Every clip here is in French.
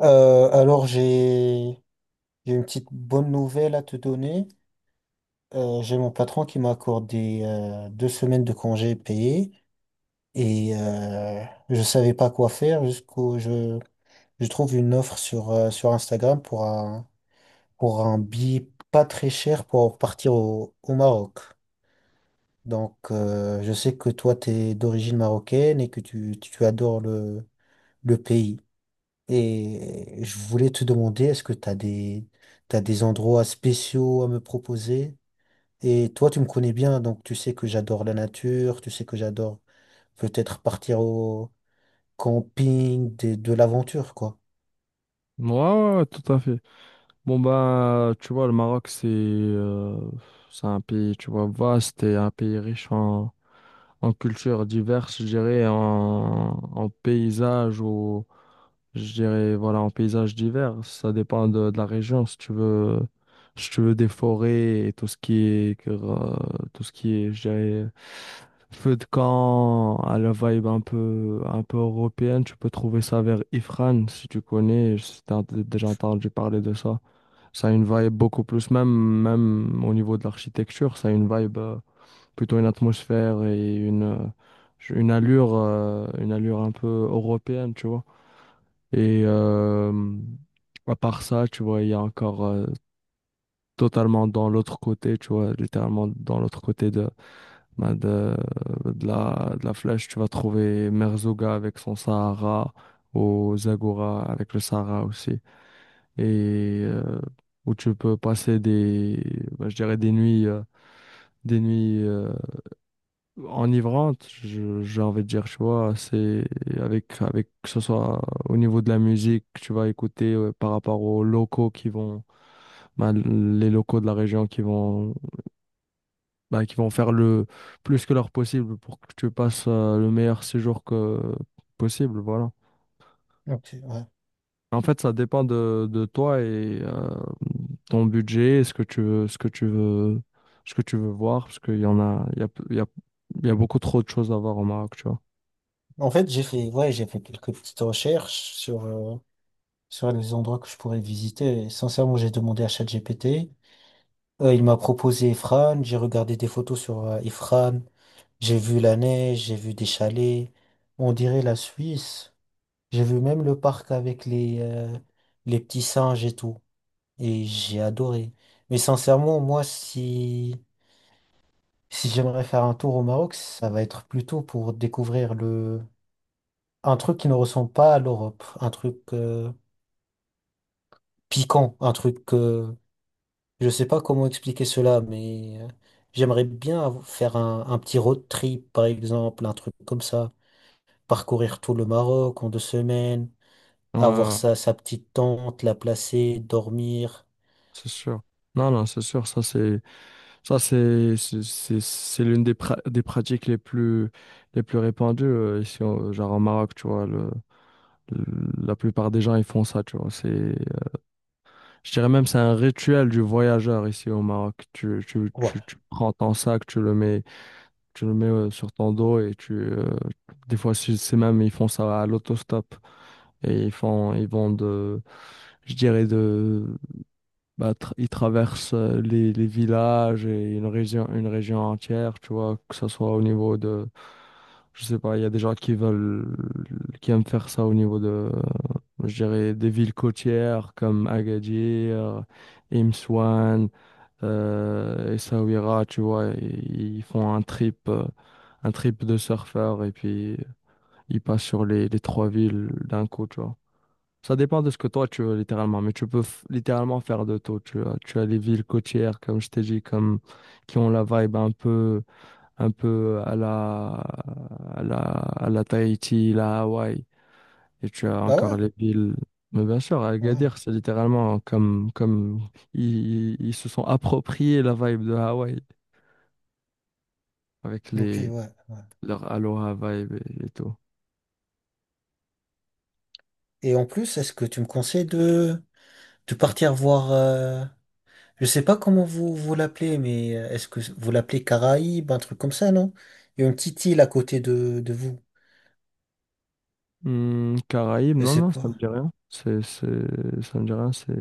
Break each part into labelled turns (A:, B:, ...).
A: Alors j'ai une petite bonne nouvelle à te donner. J'ai mon patron qui m'a accordé 2 semaines de congés payés et je savais pas quoi faire jusqu'au je trouve une offre sur Instagram pour un billet pas très cher pour partir au Maroc. Je sais que toi tu es d'origine marocaine et que tu adores le pays. Et je voulais te demander, est-ce que tu as des, t'as des endroits spéciaux à me proposer? Et toi, tu me connais bien, donc tu sais que j'adore la nature, tu sais que j'adore peut-être partir au camping, l'aventure, quoi.
B: Ouais, ouais, ouais, tout à fait. Bon, ben, tu vois, le Maroc, c'est un pays, tu vois, vaste et un pays riche en, en cultures diverses, je dirais, en, en paysages, je dirais, voilà, en paysage divers, ça dépend de la région. Si tu veux, si tu veux des forêts et tout ce qui est, tout ce qui est, je dirais, feu de camp, à la vibe un peu européenne, tu peux trouver ça vers Ifrane, si tu connais, si déjà entendu parler de ça. Ça a une vibe beaucoup plus, même, même au niveau de l'architecture, ça a une vibe, plutôt une atmosphère et une allure un peu européenne, tu vois. Et euh, à part ça, tu vois, il y a encore totalement dans l'autre côté, tu vois, littéralement dans l'autre côté de, ben, de, de la flèche, tu vas trouver Merzouga avec son Sahara, ou Zagora avec le Sahara aussi. Et euh, où tu peux passer des, ben, je dirais des nuits enivrante, j'ai envie de dire, tu vois, c'est avec, avec que ce soit au niveau de la musique que tu vas écouter par rapport aux locaux qui vont, ben, les locaux de la région qui vont, ben, qui vont faire le plus que leur possible pour que tu passes le meilleur séjour que possible, voilà.
A: Ok, ouais.
B: En fait, ça dépend de toi et ton budget, ce que tu veux, ce que tu veux, ce que tu veux voir, parce qu'il y en a, il y a, il y a, il y a beaucoup trop de choses à voir au Maroc, tu vois.
A: En fait, j'ai fait quelques petites recherches sur les endroits que je pourrais visiter. Et sincèrement, j'ai demandé à ChatGPT. Il m'a proposé Efran. J'ai regardé des photos sur Efran. J'ai vu la neige, j'ai vu des chalets, on dirait la Suisse. J'ai vu même le parc avec les petits singes et tout. Et j'ai adoré. Mais sincèrement, moi, si, si j'aimerais faire un tour au Maroc, ça va être plutôt pour découvrir le, un truc qui ne ressemble pas à l'Europe. Un truc piquant, un truc, je sais pas comment expliquer cela, mais j'aimerais bien faire un petit road trip, par exemple, un truc comme ça. Parcourir tout le Maroc en 2 semaines,
B: Ouais,
A: avoir
B: ouais,
A: sa petite tente, la placer, dormir.
B: c'est sûr. Non, non, c'est sûr, ça c'est. Ça, c'est l'une des, des pratiques les plus répandues ici, genre au Maroc, tu vois. Le, la plupart des gens, ils font ça, tu vois. C'est, je dirais même, c'est un rituel du voyageur ici au Maroc. Tu, tu,
A: Ouais.
B: tu, tu prends ton sac, tu le mets sur ton dos et tu, des fois, c'est même, ils font ça à l'autostop et ils font, ils vont de, je dirais de bah, il traverse les villages et une région entière, tu vois, que ce soit au niveau de, je sais pas, il y a des gens qui veulent, qui aiment faire ça au niveau de, euh, je dirais, des villes côtières comme Agadir, Imswan, Essaouira, tu vois, ils font un trip de surfeurs et puis ils passent sur les trois villes d'un coup, tu vois. Ça dépend de ce que toi tu veux littéralement, mais tu peux littéralement faire de tout. Tu as les villes côtières, comme je t'ai dit, comme, qui ont la vibe un peu à la, à la, à la Tahiti, la Hawaï. Et tu as
A: Ah
B: encore
A: ouais?
B: les villes. Mais bien sûr, à
A: Ouais.
B: Agadir, c'est littéralement comme, comme ils, ils se sont appropriés la vibe de Hawaï avec
A: Ok,
B: les,
A: ouais.
B: leur Aloha vibe et tout.
A: Et en plus, est-ce que tu me conseilles de partir voir, je sais pas comment vous l'appelez, mais est-ce que vous l'appelez Caraïbes, un truc comme ça, non? Il y a une petite île à côté de vous.
B: Hmm, Caraïbes,
A: Je
B: non,
A: sais
B: non, ça me
A: pas.
B: dit rien. C'est, ça me dit rien. C'est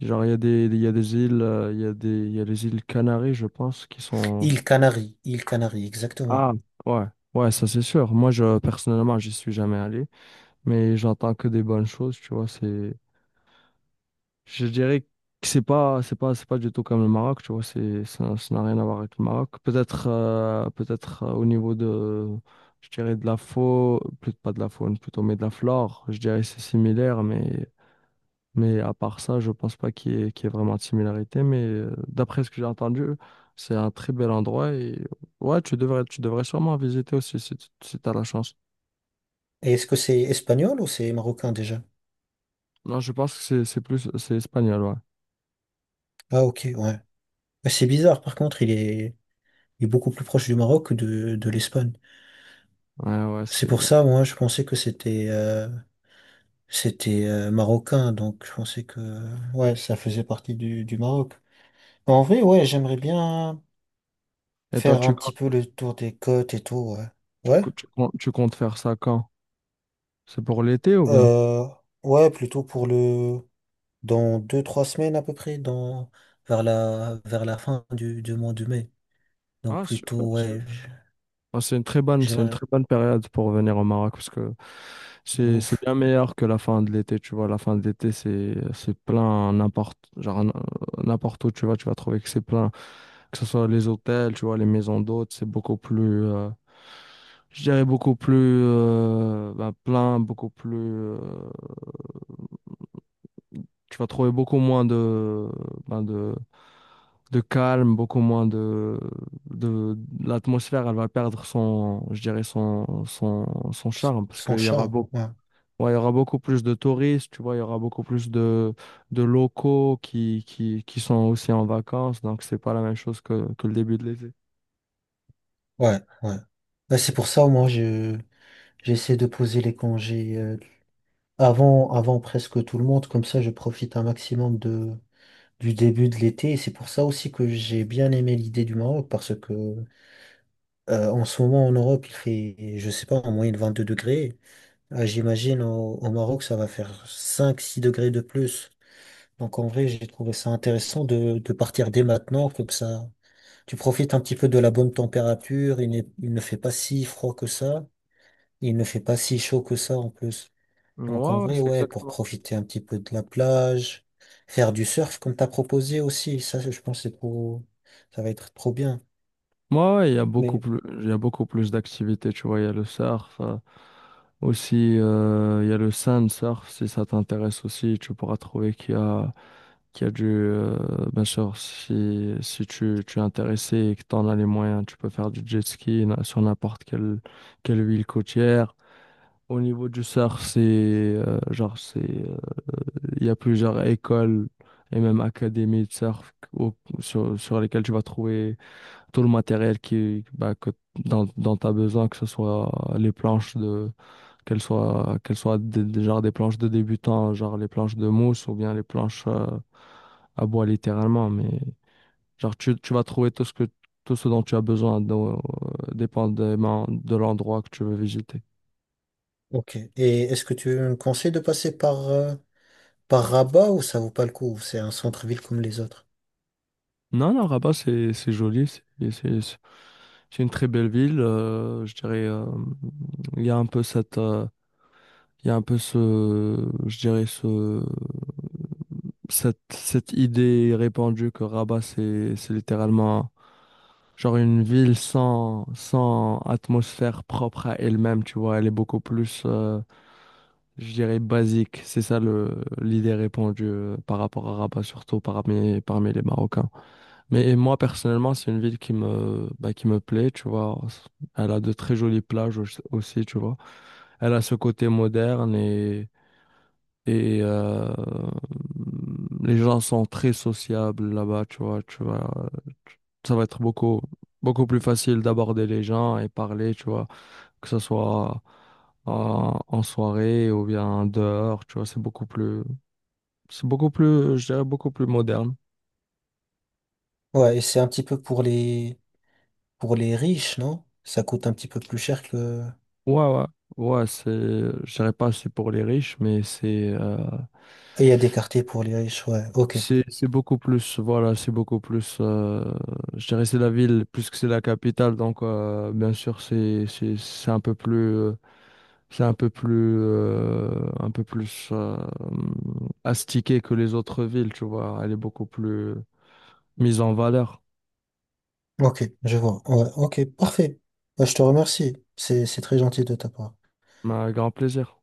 B: genre il y a des, il y a des îles, il y a des, il y a les îles Canaries, je pense, qui sont.
A: Île Canaries. Île Canaries, exactement.
B: Ah, ouais, ouais, ça c'est sûr. Moi, je personnellement, j'y suis jamais allé, mais j'entends que des bonnes choses. Tu vois, c'est, je dirais que c'est pas, c'est pas, c'est pas du tout comme le Maroc. Tu vois, c'est, ça n'a rien à voir avec le Maroc. Peut-être, peut-être au niveau de, je dirais de la faune, plutôt pas de la faune, plutôt mais de la flore. Je dirais que c'est similaire, mais. Mais à part ça, je pense pas qu'il y ait, qu'il y ait vraiment de similarité. Mais d'après ce que j'ai entendu, c'est un très bel endroit. Et ouais, tu devrais sûrement visiter aussi si, tu si t'as la chance.
A: Et est-ce que c'est espagnol ou c'est marocain déjà?
B: Non, je pense que c'est plus, c'est espagnol, ouais.
A: Ah ok, ouais. Mais c'est bizarre, par contre, il est... est beaucoup plus proche du Maroc que de l'Espagne.
B: Ouais, ouais,
A: C'est pour
B: c'est.
A: ça, moi, je pensais que c'était marocain, donc je pensais que ouais, ça faisait partie du Maroc. Mais en vrai, ouais, j'aimerais bien
B: Et toi,
A: faire
B: tu
A: un petit
B: comptes,
A: peu le tour des côtes et tout, ouais.
B: tu,
A: Ouais.
B: tu comptes faire ça quand? C'est pour l'été ou bien?
A: Euh, ouais, plutôt pour le dans 2, 3 semaines à peu près, dans vers la fin du mois de mai. Donc
B: Ah, super,
A: plutôt ouais,
B: super. Ah, c'est une très bonne, c'est une
A: j'aimerais
B: très bonne période pour venir au Maroc parce que
A: de
B: c'est
A: ouf.
B: bien meilleur que la fin de l'été, tu vois. La fin de l'été, c'est plein n'importe genre n'importe où tu vas trouver que c'est plein, que ce soit les hôtels, tu vois, les maisons d'hôtes, c'est beaucoup plus je dirais beaucoup plus ben, plein, beaucoup plus tu vas trouver beaucoup moins de ben, de calme, beaucoup moins de l'atmosphère, elle va perdre son, je dirais son, son, son charme parce
A: Sans
B: qu'il y aura
A: charme.
B: beaucoup,
A: Ouais.
B: il y aura beaucoup plus de touristes, tu vois, il y aura beaucoup plus de locaux qui sont aussi en vacances, donc c'est pas la même chose que le début de l'été.
A: Ouais, ouais. Ouais, c'est pour ça, moi, je j'essaie de poser les congés avant, avant presque tout le monde, comme ça je profite un maximum du début de l'été. Et c'est pour ça aussi que j'ai bien aimé l'idée du Maroc, parce que en ce moment en Europe, il fait, je sais pas, en moyenne 22 degrés. Ah, j'imagine au Maroc, ça va faire 5 6 degrés de plus. Donc en vrai, j'ai trouvé ça intéressant de partir dès maintenant, comme ça tu profites un petit peu de la bonne température, il ne fait pas si froid que ça, il ne fait pas si chaud que ça en plus.
B: Ouais,
A: Donc en
B: ouais,
A: vrai,
B: c'est
A: ouais, pour
B: exactement.
A: profiter un petit peu de la plage, faire du surf comme t'as proposé aussi, ça je pense que c'est trop, ça va être trop bien.
B: Moi, ouais, il y a beaucoup
A: Mais
B: plus, il y a beaucoup plus d'activités, tu vois. Il y a le surf, aussi, il y a le sand surf, si ça t'intéresse aussi, tu pourras trouver qu'il y a du, bien sûr, si, si tu, tu es intéressé et que tu en as les moyens, tu peux faire du jet ski sur n'importe quelle, quelle ville côtière. Au niveau du surf, c'est, genre, c'est, il y a plusieurs écoles et même académies de surf sur, sur lesquelles tu vas trouver tout le matériel qui, bah, que, dont, dont tu as besoin, que ce soit les planches de, qu'elles soient des, genre des planches de débutants, genre les planches de mousse ou bien les planches à bois littéralement. Mais genre, tu vas trouver tout ce que, tout ce dont tu as besoin, donc, dépendamment de l'endroit que tu veux visiter.
A: ok. Et est-ce que tu me conseilles de passer par par Rabat ou ça vaut pas le coup? C'est un centre-ville comme les autres.
B: Non, non, Rabat, c'est joli, c'est- c'est- c'est une très belle ville. Euh, je dirais, il y a un peu cette, il y a un peu ce, je dirais ce, cette, cette idée répandue que Rabat, c'est littéralement genre une ville sans, sans atmosphère propre à elle-même, tu vois. Elle est beaucoup plus, je dirais, basique. C'est ça le, l'idée répandue par rapport à Rabat, surtout parmi, parmi les Marocains. Mais et moi, personnellement, c'est une ville qui me, bah, qui me plaît, tu vois. Elle a de très jolies plages aussi, tu vois. Elle a ce côté moderne et les gens sont très sociables là-bas, tu vois, tu vois. Ça va être beaucoup, beaucoup plus facile d'aborder les gens et parler, tu vois, que ce soit en, en soirée ou bien dehors, tu vois, c'est beaucoup plus, je dirais, beaucoup plus moderne.
A: Ouais, et c'est un petit peu pour les riches, non? Ça coûte un petit peu plus cher que.
B: Ouais, ouais, ouais, c'est, je dirais pas c'est pour les riches, mais c'est,
A: Et il y a des quartiers pour les riches, ouais. Ok,
B: c'est beaucoup plus, voilà, c'est beaucoup plus, je dirais c'est la ville plus que c'est la capitale, donc bien sûr c'est c'est un peu plus, c'est un peu plus astiqué que les autres villes, tu vois, elle est beaucoup plus mise en valeur.
A: ok, je vois. Ouais, ok, parfait. Bah, je te remercie. C'est très gentil de ta part.
B: Mais un grand plaisir.